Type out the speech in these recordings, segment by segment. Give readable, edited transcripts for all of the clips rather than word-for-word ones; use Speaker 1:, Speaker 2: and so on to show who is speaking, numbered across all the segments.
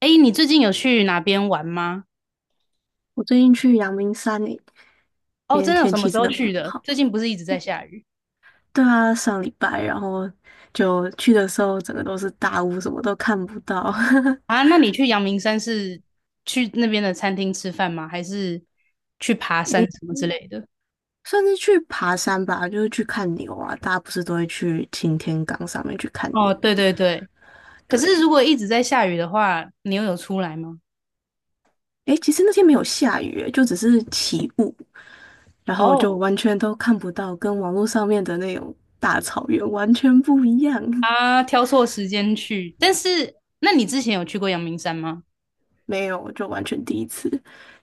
Speaker 1: 哎，你最近有去哪边玩吗？
Speaker 2: 我最近去阳明山诶，
Speaker 1: 哦，
Speaker 2: 因为
Speaker 1: 真的有
Speaker 2: 天
Speaker 1: 什么
Speaker 2: 气
Speaker 1: 时
Speaker 2: 真
Speaker 1: 候
Speaker 2: 的
Speaker 1: 去
Speaker 2: 不
Speaker 1: 的？
Speaker 2: 好。
Speaker 1: 最近不是一直在下雨
Speaker 2: 对啊，上礼拜，然后就去的时候，整个都是大雾，什么都看不到。
Speaker 1: 啊？那你去阳明山是去那边的餐厅吃饭吗？还是去爬山
Speaker 2: 诶，
Speaker 1: 什么之类的？
Speaker 2: 算是去爬山吧，就是去看牛啊。大家不是都会去擎天岗上面去看
Speaker 1: 哦，
Speaker 2: 牛
Speaker 1: 对对对。可是
Speaker 2: 对，
Speaker 1: 如果一直在下雨的话，你又有出来吗？
Speaker 2: 诶，其实那天没有下雨欸，就只是起雾，然后就
Speaker 1: 哦，
Speaker 2: 完全都看不到，跟网络上面的那种大草原完全不一样。
Speaker 1: 啊，挑错时间去。但是，那你之前有去过阳明山吗？
Speaker 2: 没有，就完全第一次，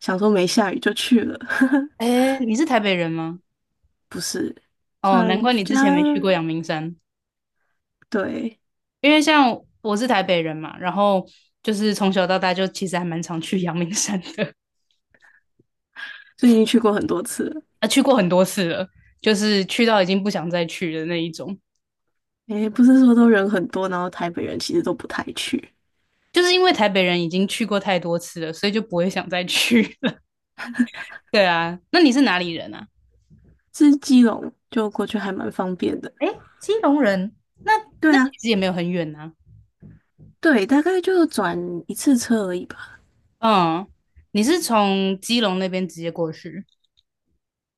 Speaker 2: 想说没下雨就去了。
Speaker 1: 哎，你是台北人吗？
Speaker 2: 不是，
Speaker 1: 哦，难
Speaker 2: 转
Speaker 1: 怪你
Speaker 2: 家
Speaker 1: 之前没去过阳明山。
Speaker 2: 对，
Speaker 1: 因为像我是台北人嘛，然后就是从小到大就其实还蛮常去阳明山的，
Speaker 2: 所以已经去过很多次了。
Speaker 1: 啊，去过很多次了，就是去到已经不想再去的那一种。
Speaker 2: 诶，不是说都人很多，然后台北人其实都不太去，
Speaker 1: 就是因为台北人已经去过太多次了，所以就不会想再去了。对啊，那你是哪里人啊？
Speaker 2: 是基隆就过去还蛮方便的。
Speaker 1: 哎，基隆人，那
Speaker 2: 对
Speaker 1: 那
Speaker 2: 啊，
Speaker 1: 其实也没有很远啊。
Speaker 2: 对，大概就转一次车而已吧。
Speaker 1: 嗯，你是从基隆那边直接过去？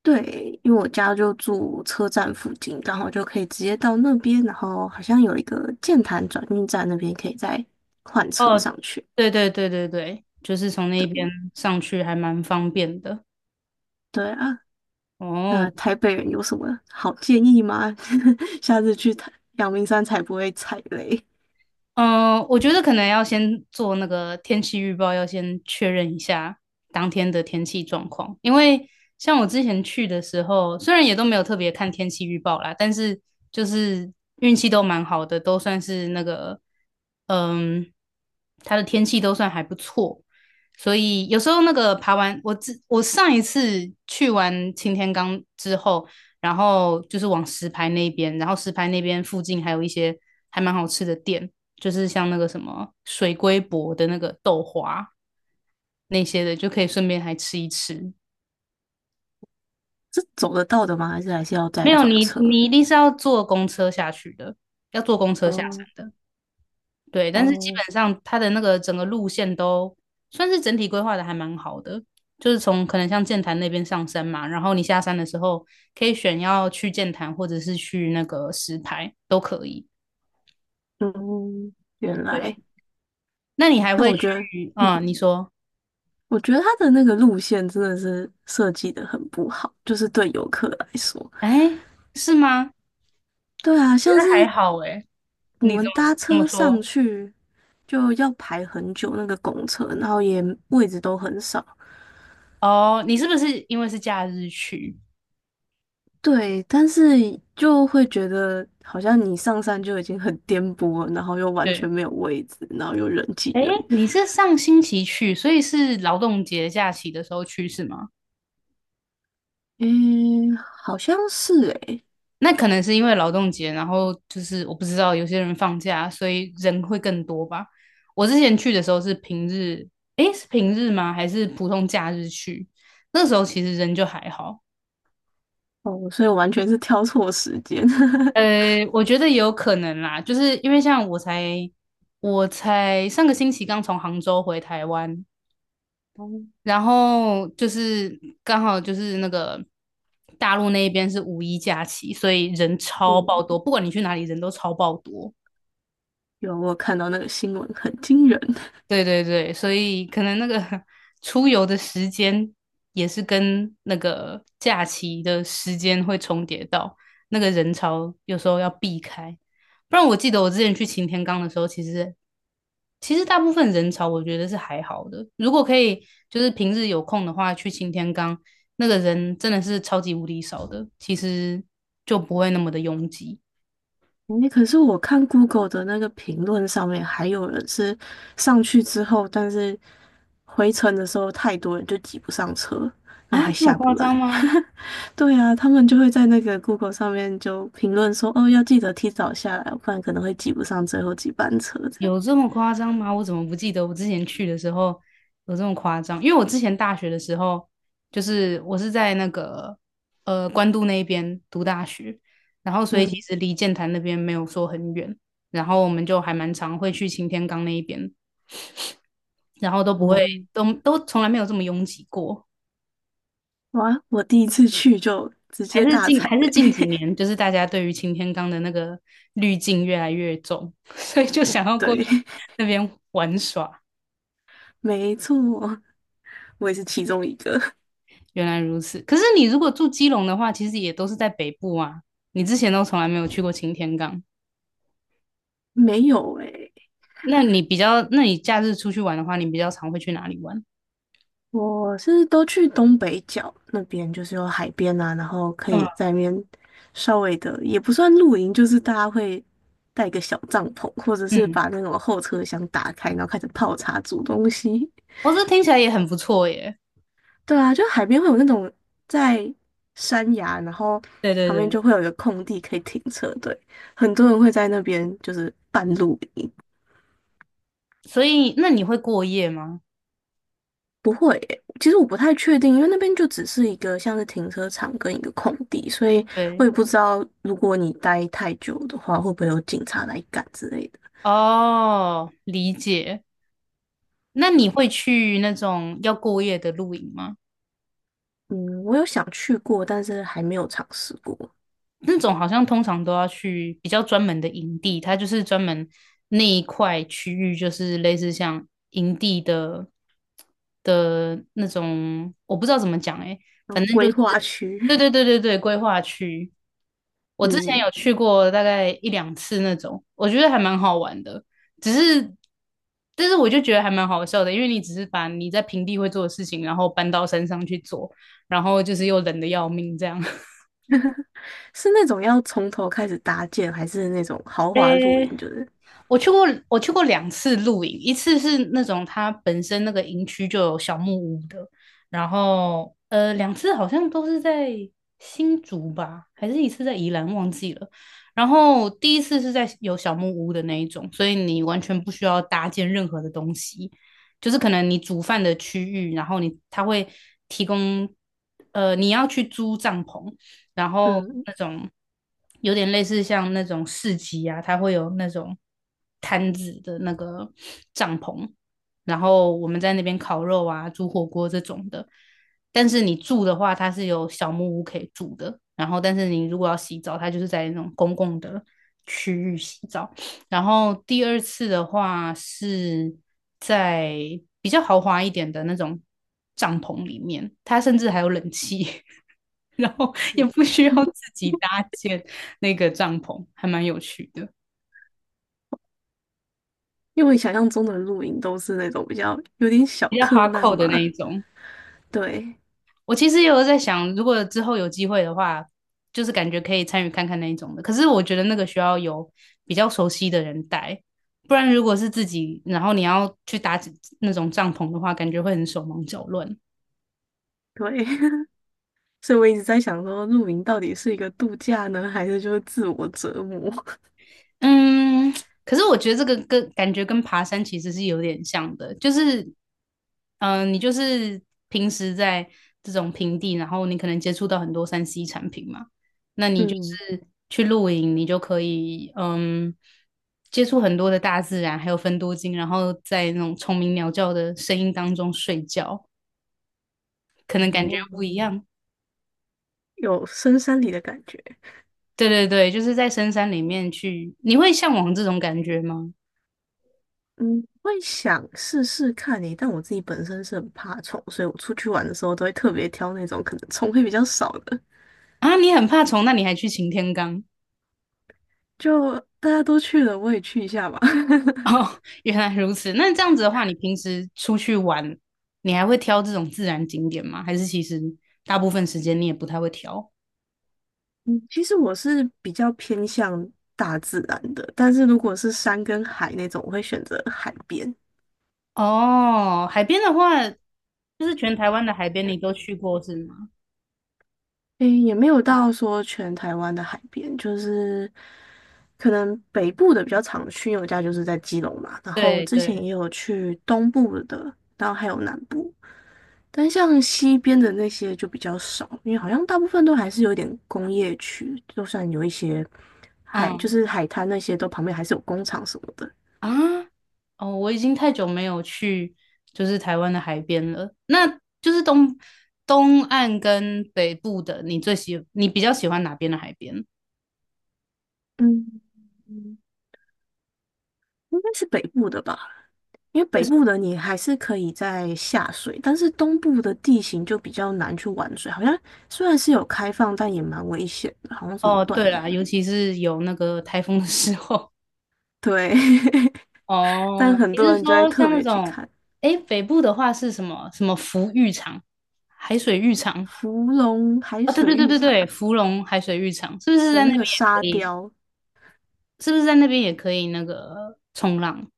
Speaker 2: 对，因为我家就住车站附近，刚好就可以直接到那边，然后好像有一个剑潭转运站那边可以再换车
Speaker 1: 哦，
Speaker 2: 上去。
Speaker 1: 对对对对对，就是从那边
Speaker 2: 对，
Speaker 1: 上去还蛮方便的。
Speaker 2: 对啊，那
Speaker 1: 哦，
Speaker 2: 台北人有什么好建议吗？下次去台阳明山才不会踩雷。
Speaker 1: 嗯，我觉得可能要先做那个天气预报，要先确认一下当天的天气状况。因为像我之前去的时候，虽然也都没有特别看天气预报啦，但是就是运气都蛮好的，都算是那个，嗯，它的天气都算还不错。所以有时候那个爬完，我上一次去完擎天岗之后，然后就是往石牌那边，然后石牌那边附近还有一些还蛮好吃的店，就是像那个什么水龟伯的那个豆花那些的，就可以顺便还吃一吃。
Speaker 2: 是走得到的吗？还是要再
Speaker 1: 没有
Speaker 2: 转
Speaker 1: 你，
Speaker 2: 车？
Speaker 1: 你一定是要坐公车下去的，要坐公车下山
Speaker 2: 哦
Speaker 1: 的。对，但是基
Speaker 2: 哦，
Speaker 1: 本上它的那个整个路线都算是整体规划的还蛮好的，就是从可能像剑潭那边上山嘛，然后你下山的时候可以选要去剑潭或者是去那个石牌都可以。
Speaker 2: 嗯，原
Speaker 1: 对，
Speaker 2: 来。
Speaker 1: 那你还
Speaker 2: 但
Speaker 1: 会
Speaker 2: 我觉得，
Speaker 1: 去？
Speaker 2: 嗯，
Speaker 1: 嗯，你说，
Speaker 2: 我觉得它的那个路线真的是设计的很不好，就是对游客来说。
Speaker 1: 哎，是吗？
Speaker 2: 对啊，
Speaker 1: 觉
Speaker 2: 像
Speaker 1: 得还
Speaker 2: 是
Speaker 1: 好哎，
Speaker 2: 我
Speaker 1: 你怎
Speaker 2: 们
Speaker 1: 么
Speaker 2: 搭
Speaker 1: 怎么
Speaker 2: 车上
Speaker 1: 说？
Speaker 2: 去就要排很久那个公车，然后也位置都很少，
Speaker 1: 哦，你是不是因为是假日去？
Speaker 2: 对，但是就会觉得好像你上山就已经很颠簸了然后又完全
Speaker 1: 对，
Speaker 2: 没有位置，然后又人挤
Speaker 1: 哎，
Speaker 2: 人。
Speaker 1: 你是上星期去，所以是劳动节假期的时候去是吗？
Speaker 2: 诶，好像是诶，
Speaker 1: 那可能是因为劳动节，然后就是我不知道有些人放假，所以人会更多吧。我之前去的时候是平日，诶，是平日吗？还是普通假日去？那时候其实人就还好。
Speaker 2: 哦，所以我完全是挑错时间。
Speaker 1: 我觉得也有可能啦，就是因为像我才上个星期刚从杭州回台湾，
Speaker 2: 哦，
Speaker 1: 然后就是刚好就是那个大陆那一边是五一假期，所以人超爆
Speaker 2: 嗯，
Speaker 1: 多，不管你去哪里，人都超爆多。
Speaker 2: 我有看到那个新闻，很惊人。
Speaker 1: 对对对，所以可能那个 出游的时间也是跟那个假期的时间会重叠到，那个人潮有时候要避开。不然我记得我之前去擎天岗的时候，其实大部分人潮我觉得是还好的。如果可以，就是平日有空的话去擎天岗，那个人真的是超级无敌少的，其实就不会那么的拥挤
Speaker 2: 诶，可是我看 Google 的那个评论上面，还有人是上去之后，但是回程的时候太多人就挤不上车，然后
Speaker 1: 啊，
Speaker 2: 还
Speaker 1: 这么
Speaker 2: 下不
Speaker 1: 夸
Speaker 2: 来。
Speaker 1: 张吗？
Speaker 2: 对啊，他们就会在那个 Google 上面就评论说，哦，要记得提早下来，不然可能会挤不上最后几班车这样。
Speaker 1: 有这么夸张吗？我怎么不记得我之前去的时候有这么夸张？因为我之前大学的时候，就是我是在那个关渡那边读大学，然后所以其
Speaker 2: 嗯，
Speaker 1: 实离剑潭那边没有说很远，然后我们就还蛮常会去擎天岗那一边，然后都不会
Speaker 2: 哦，
Speaker 1: 都都从来没有这么拥挤过。
Speaker 2: 哇，我第一次去就直
Speaker 1: 还
Speaker 2: 接
Speaker 1: 是
Speaker 2: 大
Speaker 1: 近
Speaker 2: 踩
Speaker 1: 还是
Speaker 2: 雷。
Speaker 1: 近几年，就是大家对于擎天岗的那个滤镜越来越重，所以就想要过
Speaker 2: 对，
Speaker 1: 去那边玩耍。
Speaker 2: 没错，我也是其中一个。
Speaker 1: 原来如此。可是你如果住基隆的话，其实也都是在北部啊。你之前都从来没有去过擎天岗，
Speaker 2: 没有诶、
Speaker 1: 那你假日出去玩的话，你比较常会去哪里玩？
Speaker 2: 我是都去东北角那边，就是有海边啊，然后可以
Speaker 1: 嗯
Speaker 2: 在那边稍微的，也不算露营，就是大家会带个小帐篷，或者是
Speaker 1: 嗯，
Speaker 2: 把那种后车厢打开，然后开始泡茶煮东西。
Speaker 1: 哦，这听起来也很不错耶。
Speaker 2: 对啊，就海边会有那种在山崖，然后
Speaker 1: 对对
Speaker 2: 旁边
Speaker 1: 对，
Speaker 2: 就会有一个空地可以停车，对，很多人会在那边就是半露营。
Speaker 1: 所以那你会过夜吗？
Speaker 2: 不会耶其实我不太确定，因为那边就只是一个像是停车场跟一个空地，所以我
Speaker 1: 对，
Speaker 2: 也不知道如果你待太久的话，会不会有警察来赶之类的。
Speaker 1: 哦，理解。那你会
Speaker 2: 对，
Speaker 1: 去那种要过夜的露营吗？
Speaker 2: 嗯，我有想去过，但是还没有尝试过。
Speaker 1: 那种好像通常都要去比较专门的营地，它就是专门那一块区域，就是类似像营地的的那种，我不知道怎么讲诶、
Speaker 2: 然后
Speaker 1: 反正就
Speaker 2: 规
Speaker 1: 是
Speaker 2: 划
Speaker 1: 对
Speaker 2: 区，
Speaker 1: 对对对对，规划区。我之前
Speaker 2: 嗯，
Speaker 1: 有去过大概一两次那种，我觉得还蛮好玩的。只是，但是我就觉得还蛮好笑的，因为你只是把你在平地会做的事情，然后搬到山上去做，然后就是又冷的要命这样。
Speaker 2: 是那种要从头开始搭建，还是那种豪华露营？
Speaker 1: 哎，
Speaker 2: 就是，
Speaker 1: 我去过，我去过两次露营，一次是那种它本身那个营区就有小木屋的，然后两次好像都是在新竹吧，还是一次在宜兰，忘记了。然后第一次是在有小木屋的那一种，所以你完全不需要搭建任何的东西，就是可能你煮饭的区域，然后你它会提供，你要去租帐篷，然后
Speaker 2: 嗯，
Speaker 1: 那种有点类似像那种市集啊，它会有那种摊子的那个帐篷，然后我们在那边烤肉啊、煮火锅这种的。但是你住的话，它是有小木屋可以住的。然后，但是你如果要洗澡，它就是在那种公共的区域洗澡。然后第二次的话是在比较豪华一点的那种帐篷里面，它甚至还有冷气。然后也不需要自己搭建那个帐篷，还蛮有趣的，
Speaker 2: 因为我想象中的露营都是那种比较有点小
Speaker 1: 比较
Speaker 2: 客难
Speaker 1: hardcore 的那
Speaker 2: 嘛。
Speaker 1: 一种。
Speaker 2: 对，
Speaker 1: 我其实也有在想，如果之后有机会的话，就是感觉可以参与看看那一种的。可是我觉得那个需要有比较熟悉的人带，不然如果是自己，然后你要去搭那种帐篷的话，感觉会很手忙脚乱。
Speaker 2: 对。所以我一直在想说，露营到底是一个度假呢，还是就是自我折磨？
Speaker 1: 嗯，可是我觉得这个跟感觉跟爬山其实是有点像的，就是，你就是平时在这种平地，然后你可能接触到很多三 C 产品嘛，那你就
Speaker 2: 嗯，
Speaker 1: 是去露营，你就可以接触很多的大自然，还有分多金，然后在那种虫鸣鸟叫的声音当中睡觉，可能感觉
Speaker 2: 哦，
Speaker 1: 不一样。
Speaker 2: 有深山里的感觉。
Speaker 1: 对对对，就是在深山里面去，你会向往这种感觉吗？
Speaker 2: 嗯，会想试试看你，但我自己本身是很怕虫，所以我出去玩的时候都会特别挑那种可能虫会比较少的。
Speaker 1: 啊，你很怕虫，那你还去擎天岗？
Speaker 2: 就大家都去了，我也去一下吧。
Speaker 1: 哦，原来如此。那这样子的话，你平时出去玩，你还会挑这种自然景点吗？还是其实大部分时间你也不太会挑？
Speaker 2: 嗯，其实我是比较偏向大自然的，但是如果是山跟海那种，我会选择海边。
Speaker 1: 哦，海边的话，就是全台湾的海边你都去过是吗？
Speaker 2: 诶，也没有到说全台湾的海边，就是可能北部的比较常去，因为我家就是在基隆嘛。然后
Speaker 1: 对
Speaker 2: 之前
Speaker 1: 对，
Speaker 2: 也有去东部的，然后还有南部，但像西边的那些就比较少，因为好像大部分都还是有点工业区，就算有一些海，就
Speaker 1: 嗯
Speaker 2: 是海滩那些，都旁边还是有工厂什么的。
Speaker 1: 啊，哦，我已经太久没有去就是台湾的海边了。那就是东岸跟北部的，你最喜你比较喜欢哪边的海边？
Speaker 2: 嗯，应该是北部的吧。因为
Speaker 1: 为
Speaker 2: 北
Speaker 1: 什
Speaker 2: 部的你还是可以在下水，但是东部的地形就比较难去玩水，好像虽然是有开放，但也蛮危险的，好像什
Speaker 1: 么
Speaker 2: 么
Speaker 1: 哦，
Speaker 2: 断
Speaker 1: 对
Speaker 2: 崖，
Speaker 1: 啦，尤其是有那个台风的时候。
Speaker 2: 对，但
Speaker 1: 哦，
Speaker 2: 很
Speaker 1: 你
Speaker 2: 多
Speaker 1: 是
Speaker 2: 人就会
Speaker 1: 说
Speaker 2: 特
Speaker 1: 像那
Speaker 2: 别去
Speaker 1: 种，
Speaker 2: 看
Speaker 1: 哎，北部的话是什么什么福浴场、海水浴场？
Speaker 2: 芙蓉海
Speaker 1: 啊、对
Speaker 2: 水
Speaker 1: 对对
Speaker 2: 浴
Speaker 1: 对
Speaker 2: 场，
Speaker 1: 对，芙蓉海水浴场是不是
Speaker 2: 有
Speaker 1: 在那
Speaker 2: 那
Speaker 1: 边
Speaker 2: 个
Speaker 1: 也可
Speaker 2: 沙
Speaker 1: 以？
Speaker 2: 雕，
Speaker 1: 是不是在那边也可以那个冲浪？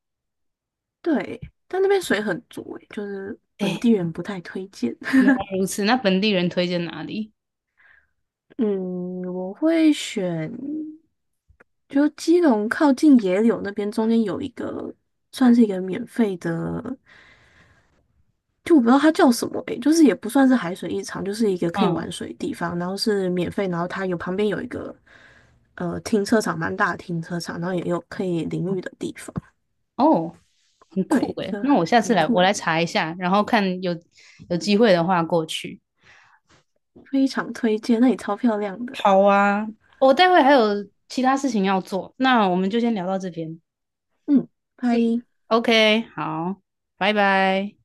Speaker 2: 对，但那边水很浊欸，就是本
Speaker 1: 哎，
Speaker 2: 地人不太推荐。
Speaker 1: 原来 如此，那本地人推荐哪里？
Speaker 2: 嗯，我会选，就基隆靠近野柳那边，中间有一个算是一个免费的。就我不知道它叫什么诶、就是也不算是海水浴场，就是一个可以
Speaker 1: 嗯，
Speaker 2: 玩水的地方，然后是免费，然后它有旁边有一个停车场，蛮大的停车场，然后也有可以淋浴的地方，
Speaker 1: 哦，很
Speaker 2: 对，
Speaker 1: 酷
Speaker 2: 一
Speaker 1: 诶，
Speaker 2: 个
Speaker 1: 那我下次
Speaker 2: 很
Speaker 1: 来，我
Speaker 2: 酷，
Speaker 1: 来查一下，然后看有机会的话过去。
Speaker 2: 非常推荐，那里超漂亮的，
Speaker 1: 好啊，我待会还有其他事情要做，那我们就先聊到这边。
Speaker 2: 嗯，拜。
Speaker 1: OK，好，拜拜。